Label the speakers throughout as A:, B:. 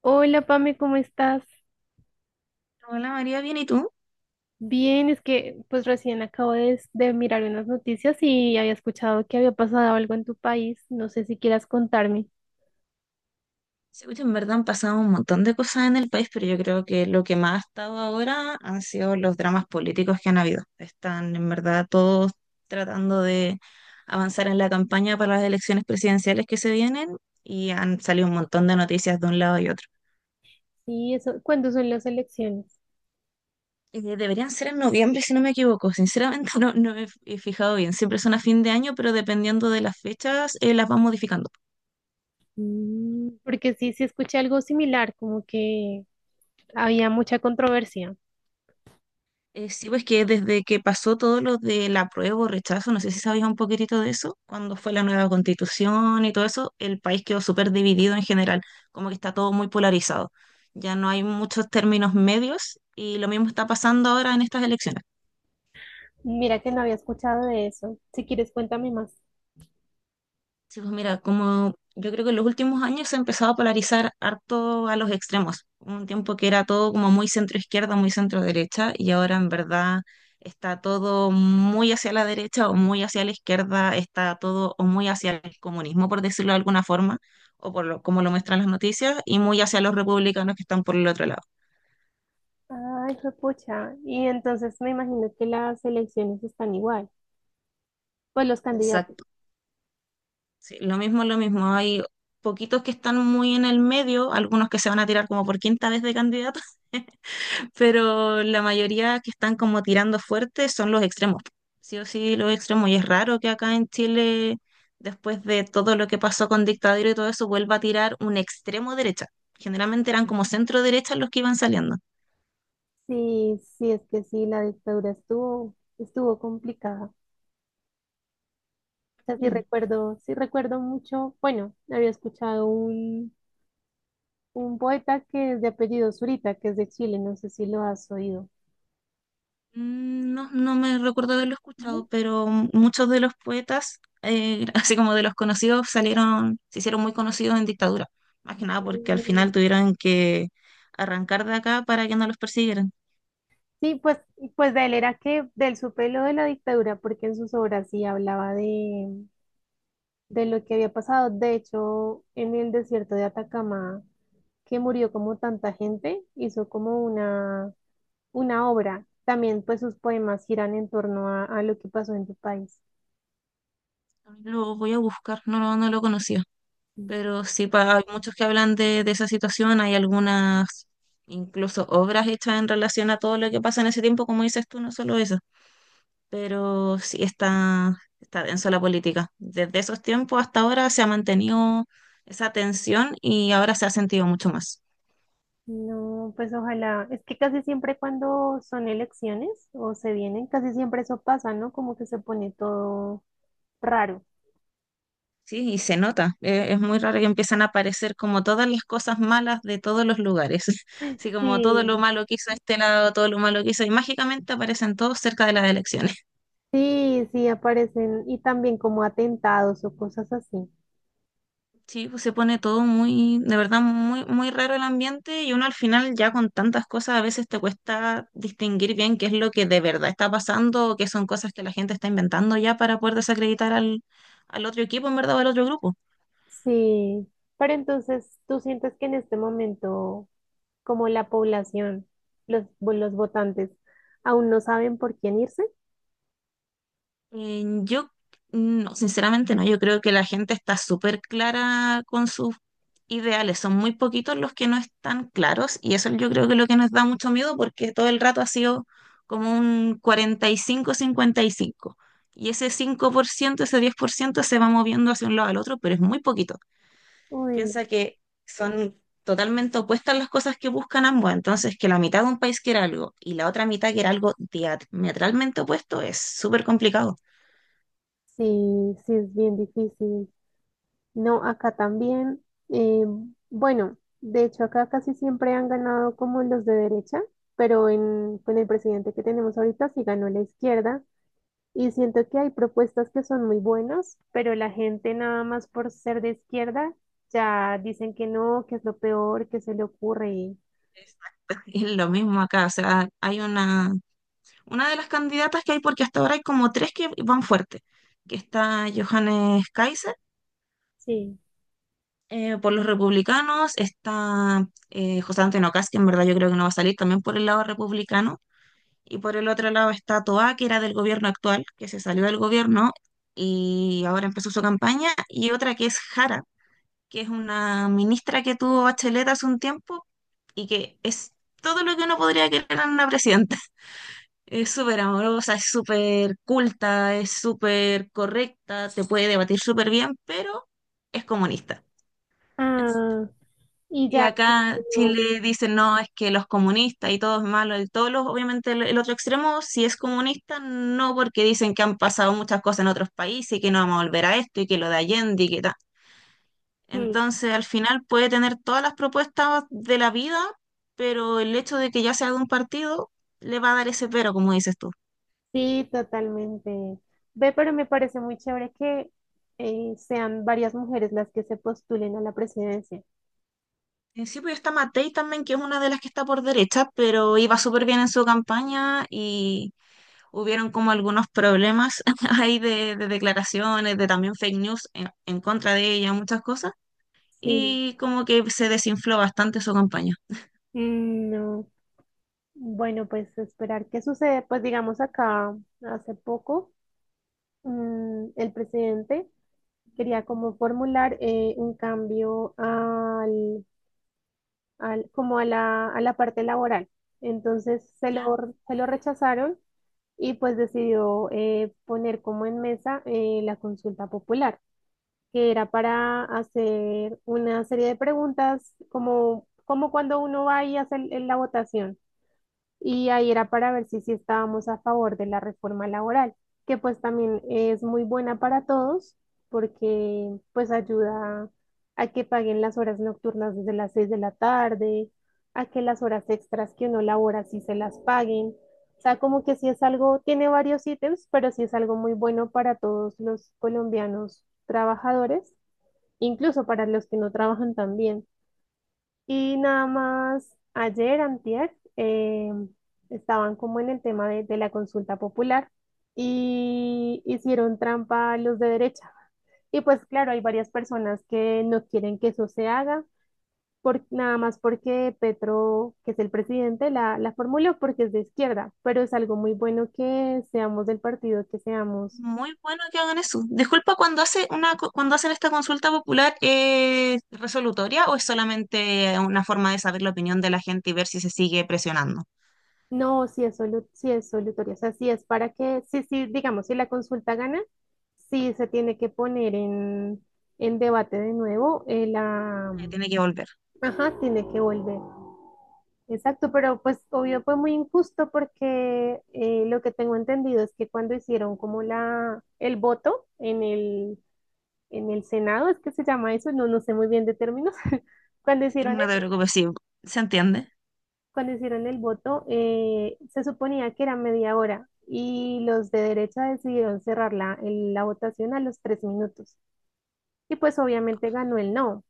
A: Hola, Pame, ¿cómo estás?
B: Hola María, bien, ¿y tú?
A: Bien, es que pues recién acabo de mirar unas noticias y había escuchado que había pasado algo en tu país. No sé si quieras contarme.
B: Sí, oye, en verdad han pasado un montón de cosas en el país, pero yo creo que lo que más ha estado ahora han sido los dramas políticos que han habido. Están en verdad todos tratando de avanzar en la campaña para las elecciones presidenciales que se vienen y han salido un montón de noticias de un lado y otro.
A: Sí, eso, ¿cuándo son las elecciones?
B: Deberían ser en noviembre, si no me equivoco. Sinceramente no, no me he fijado bien. Siempre son a fin de año, pero dependiendo de las fechas, las van modificando.
A: Mm, porque sí, sí escuché algo similar, como que había mucha controversia.
B: Sí, pues que desde que pasó todo lo del apruebo o rechazo, no sé si sabías un poquitito de eso, cuando fue la nueva constitución y todo eso, el país quedó súper dividido en general, como que está todo muy polarizado. Ya no hay muchos términos medios y lo mismo está pasando ahora en estas elecciones.
A: Mira que no había escuchado de eso. Si quieres, cuéntame más.
B: Sí, pues mira, como yo creo que en los últimos años se ha empezado a polarizar harto a los extremos. Un tiempo que era todo como muy centro-izquierda, muy centro-derecha, y ahora en verdad está todo muy hacia la derecha o muy hacia la izquierda, está todo o muy hacia el comunismo, por decirlo de alguna forma, o por lo, como lo muestran las noticias, y muy hacia los republicanos que están por el otro lado.
A: Ay, pucha. Y entonces me imagino que las elecciones están igual. Pues los candidatos.
B: Exacto. Sí, lo mismo, lo mismo. Hay poquitos que están muy en el medio, algunos que se van a tirar como por quinta vez de candidato, pero la mayoría que están como tirando fuerte son los extremos. Sí o sí, los extremos. Y es raro que acá en Chile, después de todo lo que pasó con dictadura y todo eso, vuelva a tirar un extremo derecha. Generalmente eran como centro derecha los que iban saliendo.
A: Sí, sí, es que sí, la dictadura estuvo complicada. O sea,
B: Mm.
A: sí recuerdo mucho. Bueno, había escuchado un poeta que es de apellido Zurita, que es de Chile, no sé si lo has oído.
B: Mm, no, no me recuerdo haberlo
A: ¿No?
B: escuchado, pero muchos de los poetas, así como de los conocidos, salieron, se hicieron muy conocidos en dictadura. Más que nada porque al
A: Mm.
B: final tuvieron que arrancar de acá para que no los persiguieran.
A: Sí, pues, pues de él era que del supe lo de la dictadura, porque en sus obras sí hablaba de lo que había pasado. De hecho, en el desierto de Atacama, que murió como tanta gente, hizo como una obra. También pues sus poemas giran en torno a lo que pasó en tu país.
B: Lo voy a buscar, no, no, no lo conocía, pero sí, hay muchos que hablan de esa situación, hay algunas incluso obras hechas en relación a todo lo que pasa en ese tiempo, como dices tú, no solo eso, pero sí está denso la política. Desde esos tiempos hasta ahora se ha mantenido esa tensión y ahora se ha sentido mucho más.
A: No, pues ojalá. Es que casi siempre cuando son elecciones o se vienen, casi siempre eso pasa, ¿no? Como que se pone todo raro.
B: Sí, y se nota. Es muy raro que empiezan a aparecer como todas las cosas malas de todos los lugares. Así como todo lo
A: Sí.
B: malo que hizo este lado, todo lo malo que hizo, y mágicamente aparecen todos cerca de las elecciones.
A: Sí, sí, aparecen y también como atentados o cosas así.
B: Sí, pues se pone todo muy, de verdad, muy, muy raro el ambiente y uno al final ya con tantas cosas a veces te cuesta distinguir bien qué es lo que de verdad está pasando o qué son cosas que la gente está inventando ya para poder desacreditar al otro equipo, en verdad, o al otro grupo.
A: Sí, pero entonces tú sientes que en este momento, como la población, los, los votantes, aún no saben por quién irse.
B: Yo, no, sinceramente no, yo creo que la gente está súper clara con sus ideales, son muy poquitos los que no están claros y eso yo creo que es lo que nos da mucho miedo porque todo el rato ha sido como un 45-55, y ese 5%, ese 10% se va moviendo hacia un lado al otro, pero es muy poquito.
A: Uy,
B: Piensa que son totalmente opuestas las cosas que buscan ambos, entonces que la mitad de un país quiera algo y la otra mitad quiera algo diametralmente opuesto es súper complicado.
A: sí, sí, es bien difícil. No, acá también, eh, bueno, de hecho acá casi siempre han ganado como los de derecha, pero en, con el presidente que tenemos ahorita sí ganó la izquierda. Y siento que hay propuestas que son muy buenas, pero la gente nada más por ser de izquierda ya dicen que no, que es lo peor, que se le ocurre. Y…
B: Exacto. Es lo mismo acá, o sea, hay una de las candidatas que hay, porque hasta ahora hay como tres que van fuerte, que está Johannes Kaiser
A: Sí.
B: por los republicanos, está José Antonio Kast, que en verdad yo creo que no va a salir también por el lado republicano, y por el otro lado está Toá, que era del gobierno actual, que se salió del gobierno y ahora empezó su campaña, y otra que es Jara, que es una ministra que tuvo Bachelet hace un tiempo y que es todo lo que uno podría querer en una presidenta. Es súper amorosa, es súper culta, es súper correcta, se puede debatir súper bien, pero es comunista.
A: Ah, y
B: Y
A: ya.
B: acá en Chile dicen, no, es que los comunistas y todo es malo, y todos los, obviamente el otro extremo, si es comunista, no, porque dicen que han pasado muchas cosas en otros países y que no vamos a volver a esto y que lo de Allende y que tal.
A: Mm.
B: Entonces, al final puede tener todas las propuestas de la vida, pero el hecho de que ya sea de un partido le va a dar ese pero, como dices tú.
A: Sí, totalmente. Ve, pero me parece muy chévere que sean varias mujeres las que se postulen a la presidencia.
B: En sí, pues está Matei también, que es una de las que está por derecha, pero iba súper bien en su campaña y hubieron como algunos problemas ahí de declaraciones, de también fake news en contra de ella, muchas cosas,
A: Sí.
B: y como que se desinfló bastante su campaña.
A: Mm, no. Bueno, pues esperar qué sucede. Pues digamos acá hace poco. Mm, el presidente quería como formular un cambio a la parte laboral. Entonces
B: Ya.
A: se lo rechazaron y pues decidió poner como en mesa la consulta popular, que era para hacer una serie de preguntas como, como cuando uno va y hace la votación y ahí era para ver si sí estábamos a favor de la reforma laboral, que pues también es muy buena para todos porque pues ayuda a que paguen las horas nocturnas desde las 6 de la tarde, a que las horas extras que uno labora sí se las paguen. O sea, como que sí es algo, tiene varios ítems, pero sí es algo muy bueno para todos los colombianos trabajadores, incluso para los que no trabajan también. Y nada más, ayer, antier, estaban como en el tema de la consulta popular y hicieron trampa los de derecha. Y pues claro, hay varias personas que no quieren que eso se haga, por, nada más porque Petro, que es el presidente, la formuló porque es de izquierda, pero es algo muy bueno que seamos del partido que seamos.
B: Muy bueno que hagan eso. Disculpa, cuando hacen esta consulta popular, ¿es resolutoria o es solamente una forma de saber la opinión de la gente y ver si se sigue presionando?
A: No, si es sí es solutorio, o sea, si es para que, sí, sí, digamos, si la consulta gana, sí se tiene que poner en debate de nuevo,
B: Tiene que volver.
A: ajá, tiene que volver. Exacto, pero pues obvio fue muy injusto porque lo que tengo entendido es que cuando hicieron como la, el voto en el Senado, es que se llama eso, no, no sé muy bien de términos, cuando
B: Sí,
A: hicieron
B: no te preocupes, sí, se entiende.
A: cuando hicieron el voto, se suponía que era media hora y los de derecha decidieron cerrar la votación a los tres minutos. Y pues obviamente ganó el no.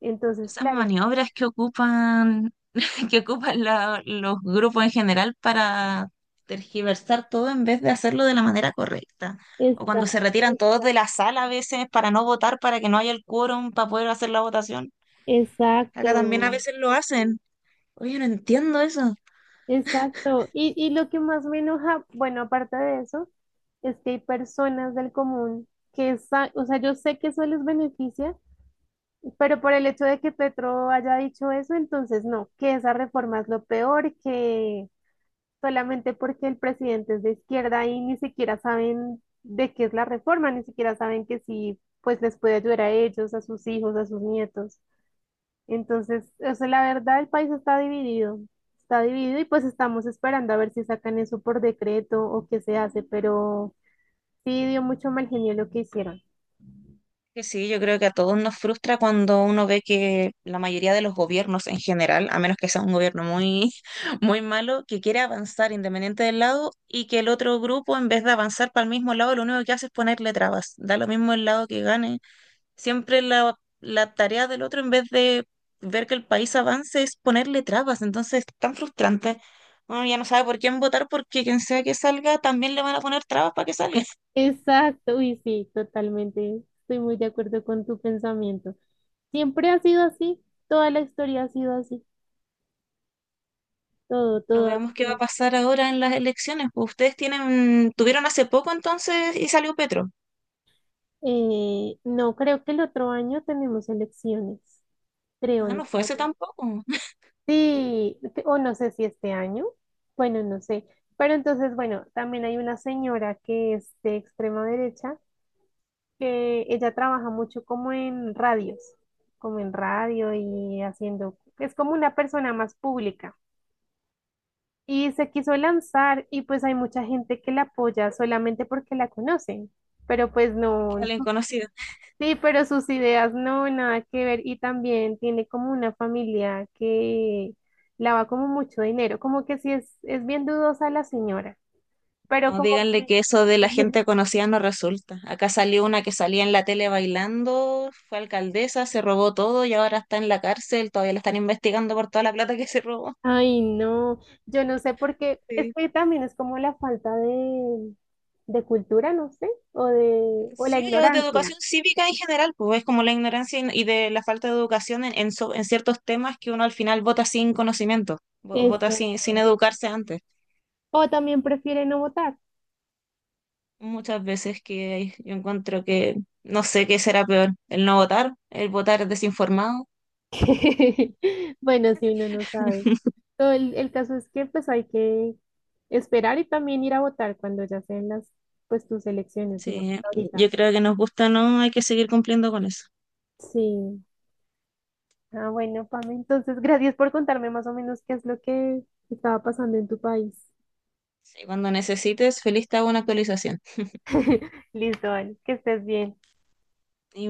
A: Entonces,
B: Esas
A: claro,
B: maniobras que ocupan, que ocupan los grupos en general para tergiversar todo en vez de hacerlo de la manera correcta. O
A: está,
B: cuando se retiran todos de la sala a veces para no votar, para que no haya el quórum para poder hacer la votación. Acá también a
A: exacto,
B: veces lo hacen. Oye, no entiendo eso.
A: exacto. Y lo que más me enoja, bueno, aparte de eso, es que hay personas del común que, o sea, yo sé que eso les beneficia, pero por el hecho de que Petro haya dicho eso, entonces no, que esa reforma es lo peor, que solamente porque el presidente es de izquierda y ni siquiera saben de qué es la reforma, ni siquiera saben que sí, pues les puede ayudar a ellos, a sus hijos, a sus nietos. Entonces, o sea, la verdad, el país está dividido y pues estamos esperando a ver si sacan eso por decreto o qué se hace, pero sí dio mucho mal genio lo que hicieron.
B: Que sí, yo creo que a todos nos frustra cuando uno ve que la mayoría de los gobiernos en general, a menos que sea un gobierno muy, muy malo, que quiere avanzar independiente del lado y que el otro grupo, en vez de avanzar para el mismo lado, lo único que hace es ponerle trabas. Da lo mismo el lado que gane. Siempre la tarea del otro, en vez de ver que el país avance, es ponerle trabas. Entonces, es tan frustrante. Uno ya no sabe por quién votar porque quien sea que salga, también le van a poner trabas para que salga.
A: Exacto, y sí, totalmente. Estoy muy de acuerdo con tu pensamiento. Siempre ha sido así, toda la historia ha sido así, todo,
B: No,
A: todo ha
B: veamos qué va a
A: sido.
B: pasar ahora en las elecciones. Pues ustedes tienen, tuvieron hace poco entonces y salió Petro.
A: No, creo que el otro año tenemos elecciones, creo,
B: Ah,
A: no
B: no
A: sé.
B: fue hace
A: Ahora.
B: tampoco,
A: Sí, o no sé si este año, bueno, no sé. Pero entonces, bueno, también hay una señora que es de extrema derecha, que ella trabaja mucho como en radios, como en radio y haciendo, es como una persona más pública. Y se quiso lanzar y pues hay mucha gente que la apoya solamente porque la conocen, pero pues
B: porque
A: no,
B: alguien conocido.
A: sí, pero sus ideas no, nada que ver y también tiene como una familia que lava como mucho dinero, como que sí es bien dudosa la señora. Pero
B: No,
A: como
B: díganle
A: que,
B: que eso de la gente conocida no resulta. Acá salió una que salía en la tele bailando, fue alcaldesa, se robó todo y ahora está en la cárcel, todavía la están investigando por toda la plata que se robó.
A: ay no, yo no sé por qué, es
B: Sí.
A: que también es como la falta de cultura, no sé, o de, o la
B: Sí, yo de
A: ignorancia.
B: educación cívica en general, pues es como la ignorancia y de la falta de educación en, en ciertos temas que uno al final vota sin conocimiento, vota sin,
A: Exacto.
B: sin educarse antes.
A: O también prefiere no votar.
B: Muchas veces que yo encuentro que no sé qué será peor, el no votar, el votar desinformado.
A: Bueno, si uno no sabe. Todo el caso es que pues hay que esperar y también ir a votar cuando ya sean las, pues tus elecciones, digamos,
B: Sí,
A: ahorita.
B: yo creo que nos gusta, ¿no? Hay que seguir cumpliendo con eso.
A: Sí. Ah, bueno, Pame, entonces gracias por contarme más o menos qué es lo que estaba pasando en tu país.
B: Sí, cuando necesites, feliz te hago una actualización.
A: Listo, vale, que estés bien.